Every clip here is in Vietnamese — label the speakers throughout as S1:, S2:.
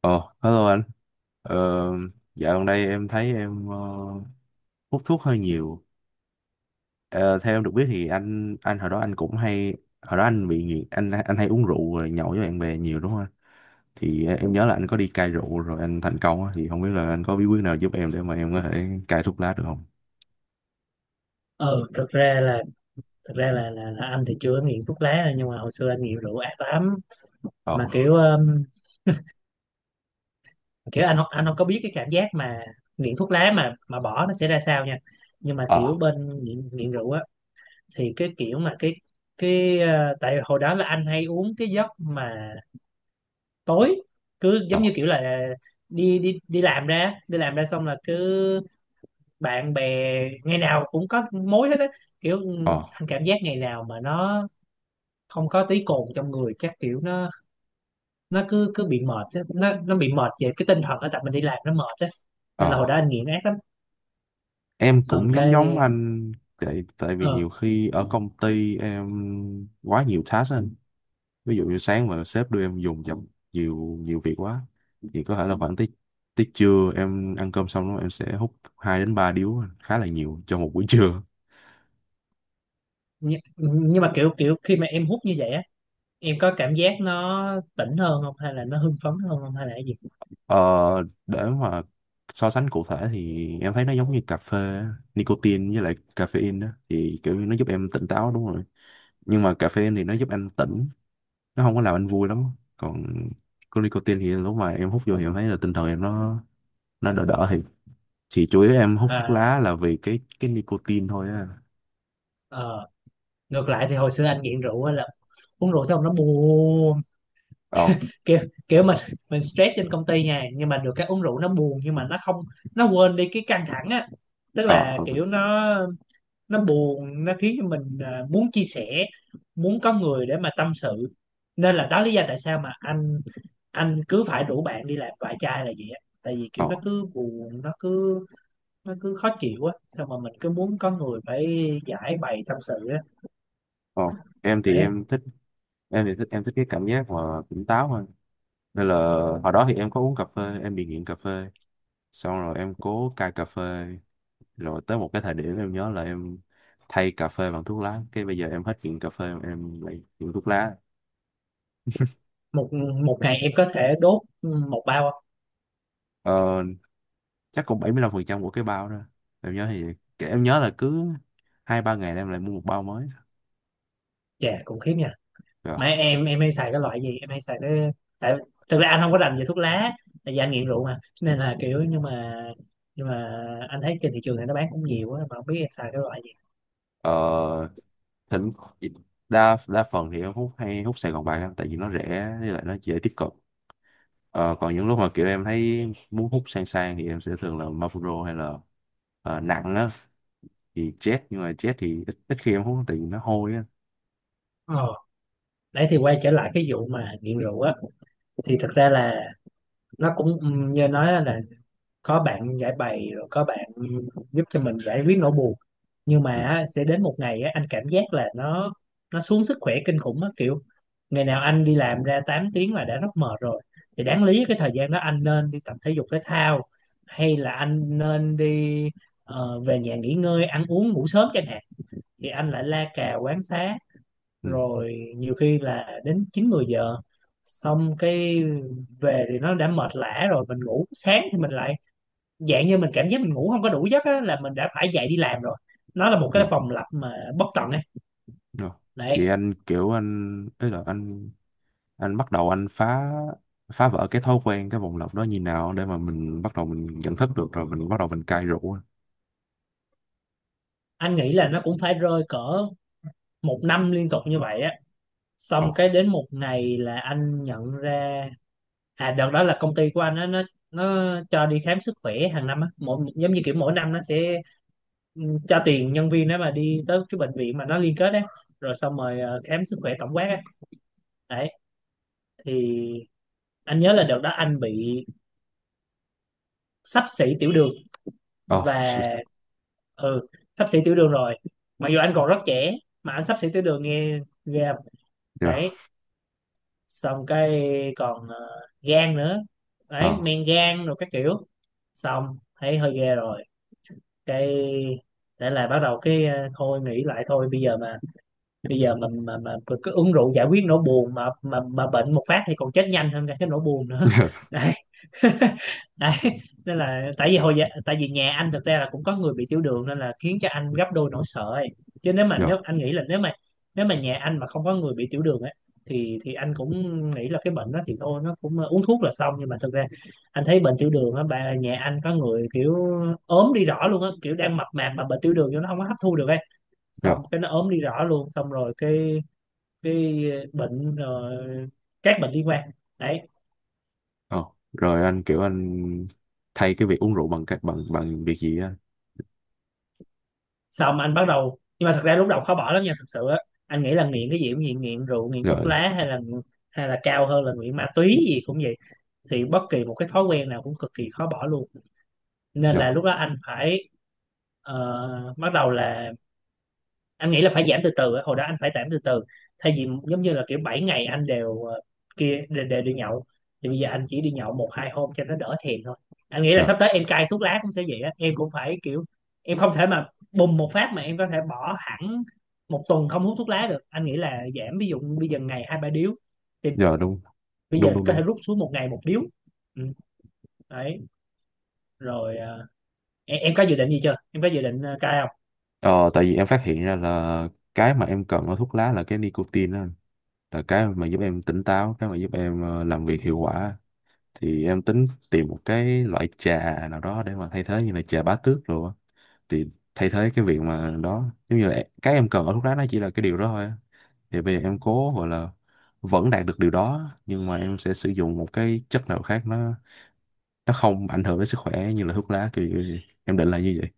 S1: Ồ, hello anh. Ờ, dạo gần đây em thấy em hút thuốc hơi nhiều. Ờ, theo em được biết thì anh hồi đó anh cũng hay hồi đó anh bị nghiện anh hay uống rượu rồi nhậu với bạn bè nhiều, đúng không anh? Thì em nhớ là anh có đi cai rượu rồi anh thành công á. Thì không biết là anh có bí quyết nào giúp em để mà em có thể cai thuốc lá được không?
S2: ờ thực ra là thực ra là anh thì chưa có nghiện thuốc lá. Nhưng mà hồi xưa anh nghiện rượu ác lắm.
S1: Ồ,
S2: Mà kiểu kiểu anh anh không có biết cái cảm giác mà nghiện thuốc lá mà bỏ nó sẽ ra sao nha. Nhưng mà
S1: ờ,
S2: kiểu bên nghiện rượu á, thì cái kiểu mà cái ờ, tại hồi đó là anh hay uống cái giấc mà tối, cứ
S1: ờ,
S2: giống như kiểu là đi đi đi làm ra xong là cứ bạn bè, ngày nào cũng có mối hết á. Kiểu
S1: ờ,
S2: anh cảm giác ngày nào mà nó không có tí cồn trong người chắc kiểu nó cứ cứ bị mệt á. Nó bị mệt về cái tinh thần á, tại mình đi làm nó mệt á. Nên là hồi
S1: ờ.
S2: đó anh nghiện ác lắm.
S1: Em
S2: Xong
S1: cũng giống
S2: cái,
S1: giống anh tại tại vì
S2: ờ
S1: nhiều khi ở công ty em quá nhiều task á anh, ví dụ như sáng mà sếp đưa em dùng chậm, nhiều nhiều việc quá thì có thể là khoảng tới tới trưa em ăn cơm xong đó em sẽ hút 2 đến 3 điếu, khá là nhiều cho một buổi trưa.
S2: nhưng mà kiểu kiểu khi mà em hút như vậy á, em có cảm giác nó tỉnh hơn không, hay là nó hưng phấn hơn không, hay là cái gì?
S1: ờ, để mà so sánh cụ thể thì em thấy nó giống như cà phê, nicotine với lại caffeine đó thì kiểu như nó giúp em tỉnh táo, đúng rồi. Nhưng mà caffeine thì nó giúp anh tỉnh, nó không có làm anh vui lắm. Còn có nicotine thì lúc mà em hút vô thì em thấy là tinh thần em nó đỡ đỡ thì chủ yếu em hút thuốc
S2: À.
S1: lá là vì cái nicotine thôi á.
S2: Ờ. Ngược lại thì hồi xưa anh nghiện rượu á, là uống rượu xong nó buồn.
S1: Ờ,
S2: Kiểu kiểu mình stress trên công ty nha, nhưng mà được cái uống rượu nó buồn nhưng mà nó không nó quên đi cái căng thẳng á. Tức
S1: ờ,
S2: là
S1: ờ,
S2: kiểu nó buồn, nó khiến cho mình muốn chia sẻ, muốn có người để mà tâm sự. Nên là đó lý do tại sao mà anh cứ phải rủ bạn đi làm vài chai là vậy á, tại vì kiểu
S1: ờ,
S2: nó cứ buồn, nó cứ khó chịu á, xong mà mình cứ muốn có người phải giải bày tâm sự á.
S1: ờ. em thì
S2: Đấy.
S1: em thích em thì thích em thích cái cảm giác mà tỉnh táo hơn nên là hồi đó thì em có uống cà phê, em bị nghiện cà phê, xong rồi em cố cai cà phê, rồi tới một cái thời điểm em nhớ là em thay cà phê bằng thuốc lá, cái bây giờ em hết nghiện cà phê em lại nghiện thuốc lá.
S2: Một một ngày em có thể đốt một bao không?
S1: ờ, chắc cũng 75% của cái bao đó. Em nhớ thì em nhớ là cứ hai ba ngày là em lại mua một bao mới.
S2: Chà, cũng khiếp nha.
S1: Rồi.
S2: Mà em hay xài cái loại gì? Em hay xài cái Tại thực ra anh không có rành về thuốc lá, tại vì anh nghiện rượu mà, nên là kiểu nhưng mà anh thấy trên thị trường này nó bán cũng nhiều á, mà không biết em xài cái loại gì.
S1: Ờ, thỉnh đa đa phần thì em hút hay hút Sài Gòn bạc em tại vì nó rẻ với lại nó dễ tiếp cận. Ờ, còn những lúc mà kiểu em thấy muốn hút sang sang thì em sẽ thường là Marlboro, hay là nặng á thì Jet, nhưng mà Jet thì ít khi em hút tại vì nó hôi á.
S2: ờ Đấy, thì quay trở lại cái vụ mà nghiện rượu á, thì thực ra là nó cũng, như nói là có bạn giải bày, rồi có bạn giúp cho mình giải quyết nỗi buồn. Nhưng mà
S1: Ừ,
S2: á, sẽ đến một ngày á, anh cảm giác là nó xuống sức khỏe kinh khủng á. Kiểu ngày nào anh đi làm ra 8 tiếng là đã rất mệt rồi, thì đáng lý cái thời gian đó anh nên đi tập thể dục thể thao, hay là anh nên đi về nhà nghỉ ngơi, ăn uống, ngủ sớm chẳng hạn. Thì anh lại la cà quán xá,
S1: ừ,
S2: rồi nhiều khi là đến 9 10 giờ. Xong cái về thì nó đã mệt lả rồi, mình ngủ, sáng thì mình lại dạng như mình cảm giác mình ngủ không có đủ giấc á, là mình đã phải dậy đi làm rồi. Nó là một cái
S1: dạ,
S2: vòng lặp mà bất tận ấy.
S1: dạ. Vậy
S2: Đấy.
S1: anh kiểu anh tức là anh bắt đầu anh phá, phá vỡ cái thói quen cái vòng lặp đó như nào để mà mình bắt đầu mình nhận thức được rồi mình bắt đầu mình cai rượu á?
S2: Anh nghĩ là nó cũng phải rơi cỡ một năm liên tục như vậy á.
S1: Ồ.
S2: Xong cái đến một ngày là anh nhận ra. À, đợt đó là công ty của anh á, nó cho đi khám sức khỏe hàng năm á, mỗi giống như kiểu mỗi năm nó sẽ cho tiền nhân viên đó mà đi tới cái bệnh viện mà nó liên kết đấy, rồi xong rồi khám sức khỏe tổng quát ấy. Đấy. Thì anh nhớ là đợt đó anh bị xấp xỉ tiểu đường,
S1: Oh,
S2: và
S1: shit.
S2: ừ xấp xỉ tiểu đường rồi, mặc dù anh còn rất trẻ mà anh xấp xỉ tiểu đường, nghe ghê không?
S1: Dạ.
S2: Đấy. Xong cái còn gan nữa.
S1: Ờ.
S2: Đấy, men gan rồi các kiểu. Xong thấy hơi ghê rồi, cái để là bắt đầu cái thôi nghĩ lại, thôi bây giờ mà mà cứ uống rượu giải quyết nỗi buồn mà mà bệnh một phát thì còn chết nhanh hơn cả cái nỗi buồn nữa.
S1: Dạ,
S2: Đấy. Đấy. Nên là tại vì hồi giờ, tại vì nhà anh thực ra là cũng có người bị tiểu đường, nên là khiến cho anh gấp đôi nỗi sợ ấy. Chứ
S1: dạ,
S2: nếu mà nhà anh mà không có người bị tiểu đường ấy, thì anh cũng nghĩ là cái bệnh đó thì thôi nó cũng uống thuốc là xong. Nhưng mà thực ra anh thấy bệnh tiểu đường á, bà nhà anh có người kiểu ốm đi rõ luôn á, kiểu đang mập mạp mà bệnh tiểu đường vô nó không có hấp thu được ấy,
S1: dạ.
S2: xong cái nó ốm đi rõ luôn, xong rồi cái bệnh rồi các bệnh liên quan. Đấy.
S1: Ờ, rồi anh kiểu anh thay cái việc uống rượu bằng cách bằng bằng việc gì á?
S2: Xong anh bắt đầu, nhưng mà thật ra lúc đầu khó bỏ lắm nha, thật sự á. Anh nghĩ là nghiện cái gì cũng nghiện, nghiện rượu, nghiện thuốc
S1: Rồi,
S2: lá, hay là cao hơn là nghiện ma túy gì cũng vậy, thì bất kỳ một cái thói quen nào cũng cực kỳ khó bỏ luôn. Nên
S1: rồi,
S2: là lúc đó anh phải bắt đầu là anh nghĩ là phải giảm từ từ á. Hồi đó anh phải giảm từ từ, thay vì giống như là kiểu 7 ngày anh đều, kia, đều đi nhậu, thì bây giờ anh chỉ đi nhậu 1 2 hôm cho nó đỡ thèm thôi. Anh nghĩ là
S1: rồi,
S2: sắp tới em cai thuốc lá cũng sẽ vậy á, em cũng phải kiểu, em không thể mà bùng một phát mà em có thể bỏ hẳn một tuần không hút thuốc lá được. Anh nghĩ là giảm, ví dụ bây giờ ngày 2 3 điếu, thì
S1: rồi, đúng,
S2: bây
S1: đúng,
S2: giờ
S1: đúng,
S2: có thể
S1: đúng.
S2: rút xuống 1 ngày 1 điếu. Ừ. Đấy. Rồi, em có dự định gì chưa, em có dự định cai không?
S1: Ờ, tại vì em phát hiện ra là cái mà em cần ở thuốc lá là cái nicotine đó anh. Là cái mà giúp em tỉnh táo, cái mà giúp em làm việc hiệu quả. Thì em tính tìm một cái loại trà nào đó để mà thay thế như là trà bá tước rồi á. Thì thay thế cái việc mà đó, giống như là cái em cần ở thuốc lá nó chỉ là cái điều đó thôi á. Thì bây giờ em cố gọi là vẫn đạt được điều đó nhưng mà em sẽ sử dụng một cái chất nào khác, nó không ảnh hưởng đến sức khỏe như là thuốc lá, kiểu như em định là như vậy.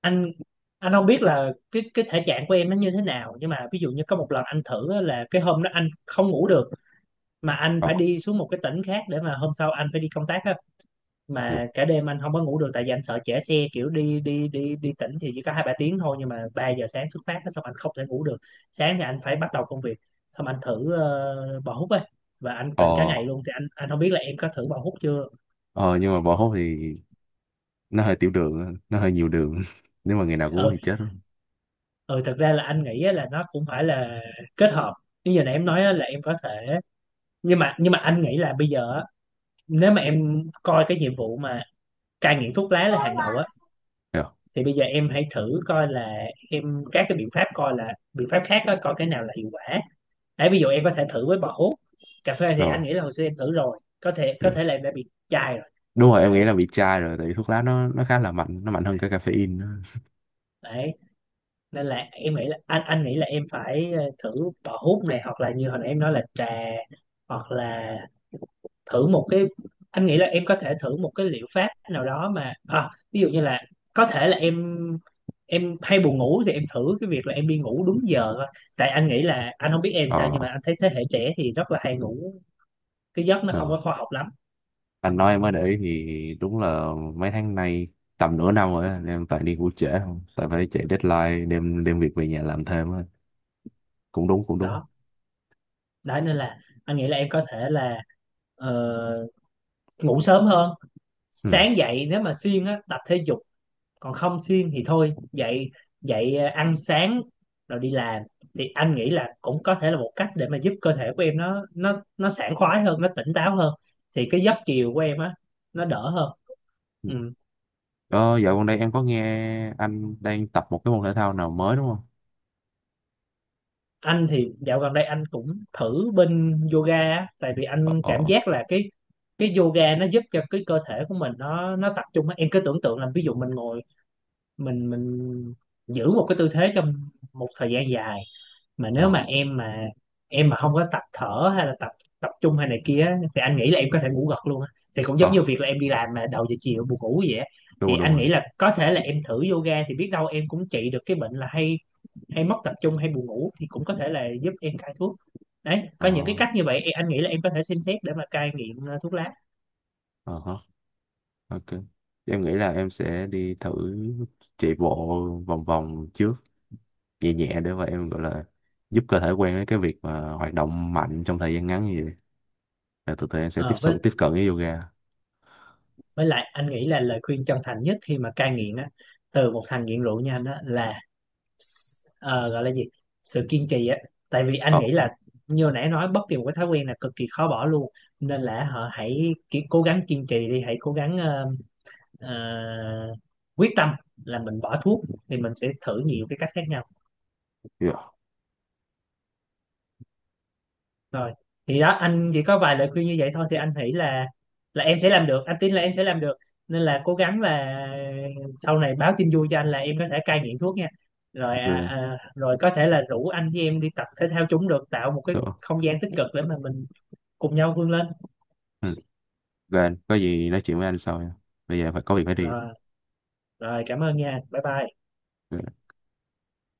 S2: anh anh không biết là cái thể trạng của em nó như thế nào, nhưng mà ví dụ như có một lần anh thử á, là cái hôm đó anh không ngủ được, mà anh
S1: Ờ.
S2: phải đi xuống một cái tỉnh khác để mà hôm sau anh phải đi công tác á.
S1: Dạ.
S2: Mà cả đêm anh không có ngủ được, tại vì anh sợ trễ xe, kiểu đi đi đi đi tỉnh thì chỉ có 2 3 tiếng thôi, nhưng mà 3 giờ sáng xuất phát á, xong anh không thể ngủ được. Sáng thì anh phải bắt đầu công việc, xong anh thử bò hút á, và anh
S1: Ờ,
S2: tỉnh cả ngày luôn. Thì anh không biết là em có thử bò hút chưa.
S1: ờ, nhưng mà bỏ hút thì nó hơi tiểu đường á, nó hơi nhiều đường. Nếu mà ngày nào cũng uống
S2: Ừ.
S1: thì chết rồi.
S2: Ừ, thật ra là anh nghĩ á, là nó cũng phải là kết hợp, như giờ này em nói á, là em có thể. Nhưng mà anh nghĩ là bây giờ á, nếu mà em coi cái nhiệm vụ mà cai nghiện thuốc lá là hàng đầu á,
S1: Dạ.
S2: thì bây giờ em hãy thử coi là em các cái biện pháp, coi là biện pháp khác á, coi cái nào là hiệu quả. Đấy, ví dụ em có thể thử với bò hút. Cà phê thì
S1: Ờ.
S2: anh nghĩ là hồi xưa em thử rồi, có thể
S1: Dạ.
S2: là em đã bị chai rồi.
S1: Đúng rồi, em nghĩ
S2: Đấy.
S1: là bị chai rồi, tại vì thuốc lá nó khá là mạnh, nó mạnh hơn cả caffeine nữa.
S2: Đấy. Nên là em nghĩ là anh nghĩ là em phải thử bò hút này, hoặc là như hồi nãy em nói là trà, hoặc là thử một cái, anh nghĩ là em có thể thử một cái liệu pháp nào đó mà, à, ví dụ như là có thể là em hay buồn ngủ, thì em thử cái việc là em đi ngủ đúng giờ thôi. Tại anh nghĩ là anh không biết em sao, nhưng
S1: Ờ,
S2: mà anh thấy thế hệ trẻ thì rất là hay ngủ cái giấc nó không có
S1: ờ,
S2: khoa học lắm.
S1: anh nói em mới để ý thì đúng là mấy tháng nay, tầm nửa năm rồi á, em toàn đi ngủ trễ không, tại phải chạy deadline, đem đem việc về nhà làm thêm á. Cũng đúng, cũng đúng.
S2: Đó. Đó. Nên là anh nghĩ là em có thể là ờ, ngủ sớm hơn,
S1: Ừ.
S2: sáng dậy nếu mà siêng á tập thể dục, còn không xuyên thì thôi dậy dậy ăn sáng rồi đi làm, thì anh nghĩ là cũng có thể là một cách để mà giúp cơ thể của em nó sảng khoái hơn, nó tỉnh táo hơn, thì cái giấc chiều của em á nó đỡ hơn. Ừ.
S1: Ờ, dạo gần đây em có nghe anh đang tập một cái môn thể thao nào mới đúng không?
S2: Anh thì dạo gần đây anh cũng thử bên yoga á, tại vì
S1: Ờ,
S2: anh
S1: ờ,
S2: cảm giác là cái yoga nó giúp cho cái cơ thể của mình nó tập trung á. Em cứ tưởng tượng là ví dụ mình ngồi, mình giữ một cái tư thế trong một thời gian dài, mà
S1: ờ,
S2: nếu mà em mà không có tập thở, hay là tập, tập trung hay này kia á, thì anh nghĩ là em có thể ngủ gật luôn á. Thì cũng
S1: ờ,
S2: giống như việc là em đi làm mà đầu giờ chiều buồn ngủ vậy á.
S1: đúng
S2: Thì
S1: rồi, đúng
S2: anh
S1: rồi.
S2: nghĩ là có thể là em thử yoga, thì biết đâu em cũng trị được cái bệnh là hay, hay mất tập trung, hay buồn ngủ, thì cũng có thể là giúp em cai thuốc. Đấy,
S1: Ờ,
S2: có những cái cách như vậy, anh nghĩ là em có thể xem xét để mà cai nghiện thuốc lá.
S1: ờ hả, ok, em nghĩ là em sẽ đi thử chạy bộ vòng vòng trước, nhẹ nhẹ, để mà em gọi là giúp cơ thể quen với cái việc mà hoạt động mạnh trong thời gian ngắn, như vậy là tụi tụi em sẽ tiếp
S2: Ờ,
S1: cận tiếp cận với yoga.
S2: với lại anh nghĩ là lời khuyên chân thành nhất khi mà cai nghiện á, từ một thằng nghiện rượu như anh á, là gọi là gì, sự kiên trì á. Tại vì anh
S1: Ồ,
S2: nghĩ là như hồi nãy nói, bất kỳ một cái thói quen là cực kỳ khó bỏ luôn. Nên là họ hãy cố gắng kiên trì đi, hãy cố gắng ờ, quyết tâm là mình bỏ thuốc, thì mình sẽ thử nhiều cái cách khác nhau.
S1: yeah.
S2: Rồi. Thì đó, anh chỉ có vài lời khuyên như vậy thôi. Thì anh nghĩ là em sẽ làm được, anh tin là em sẽ làm được, nên là cố gắng, là sau này báo tin vui cho anh là em có thể cai nghiện thuốc nha. Rồi,
S1: Được.
S2: rồi có thể là rủ anh với em đi tập thể thao chúng, được tạo một cái không gian tích cực để mà mình cùng nhau vươn lên.
S1: Ừ. Rồi, anh có gì nói chuyện với anh sau nha. Bây giờ phải có việc phải đi
S2: Rồi. Rồi, cảm ơn nha, bye bye.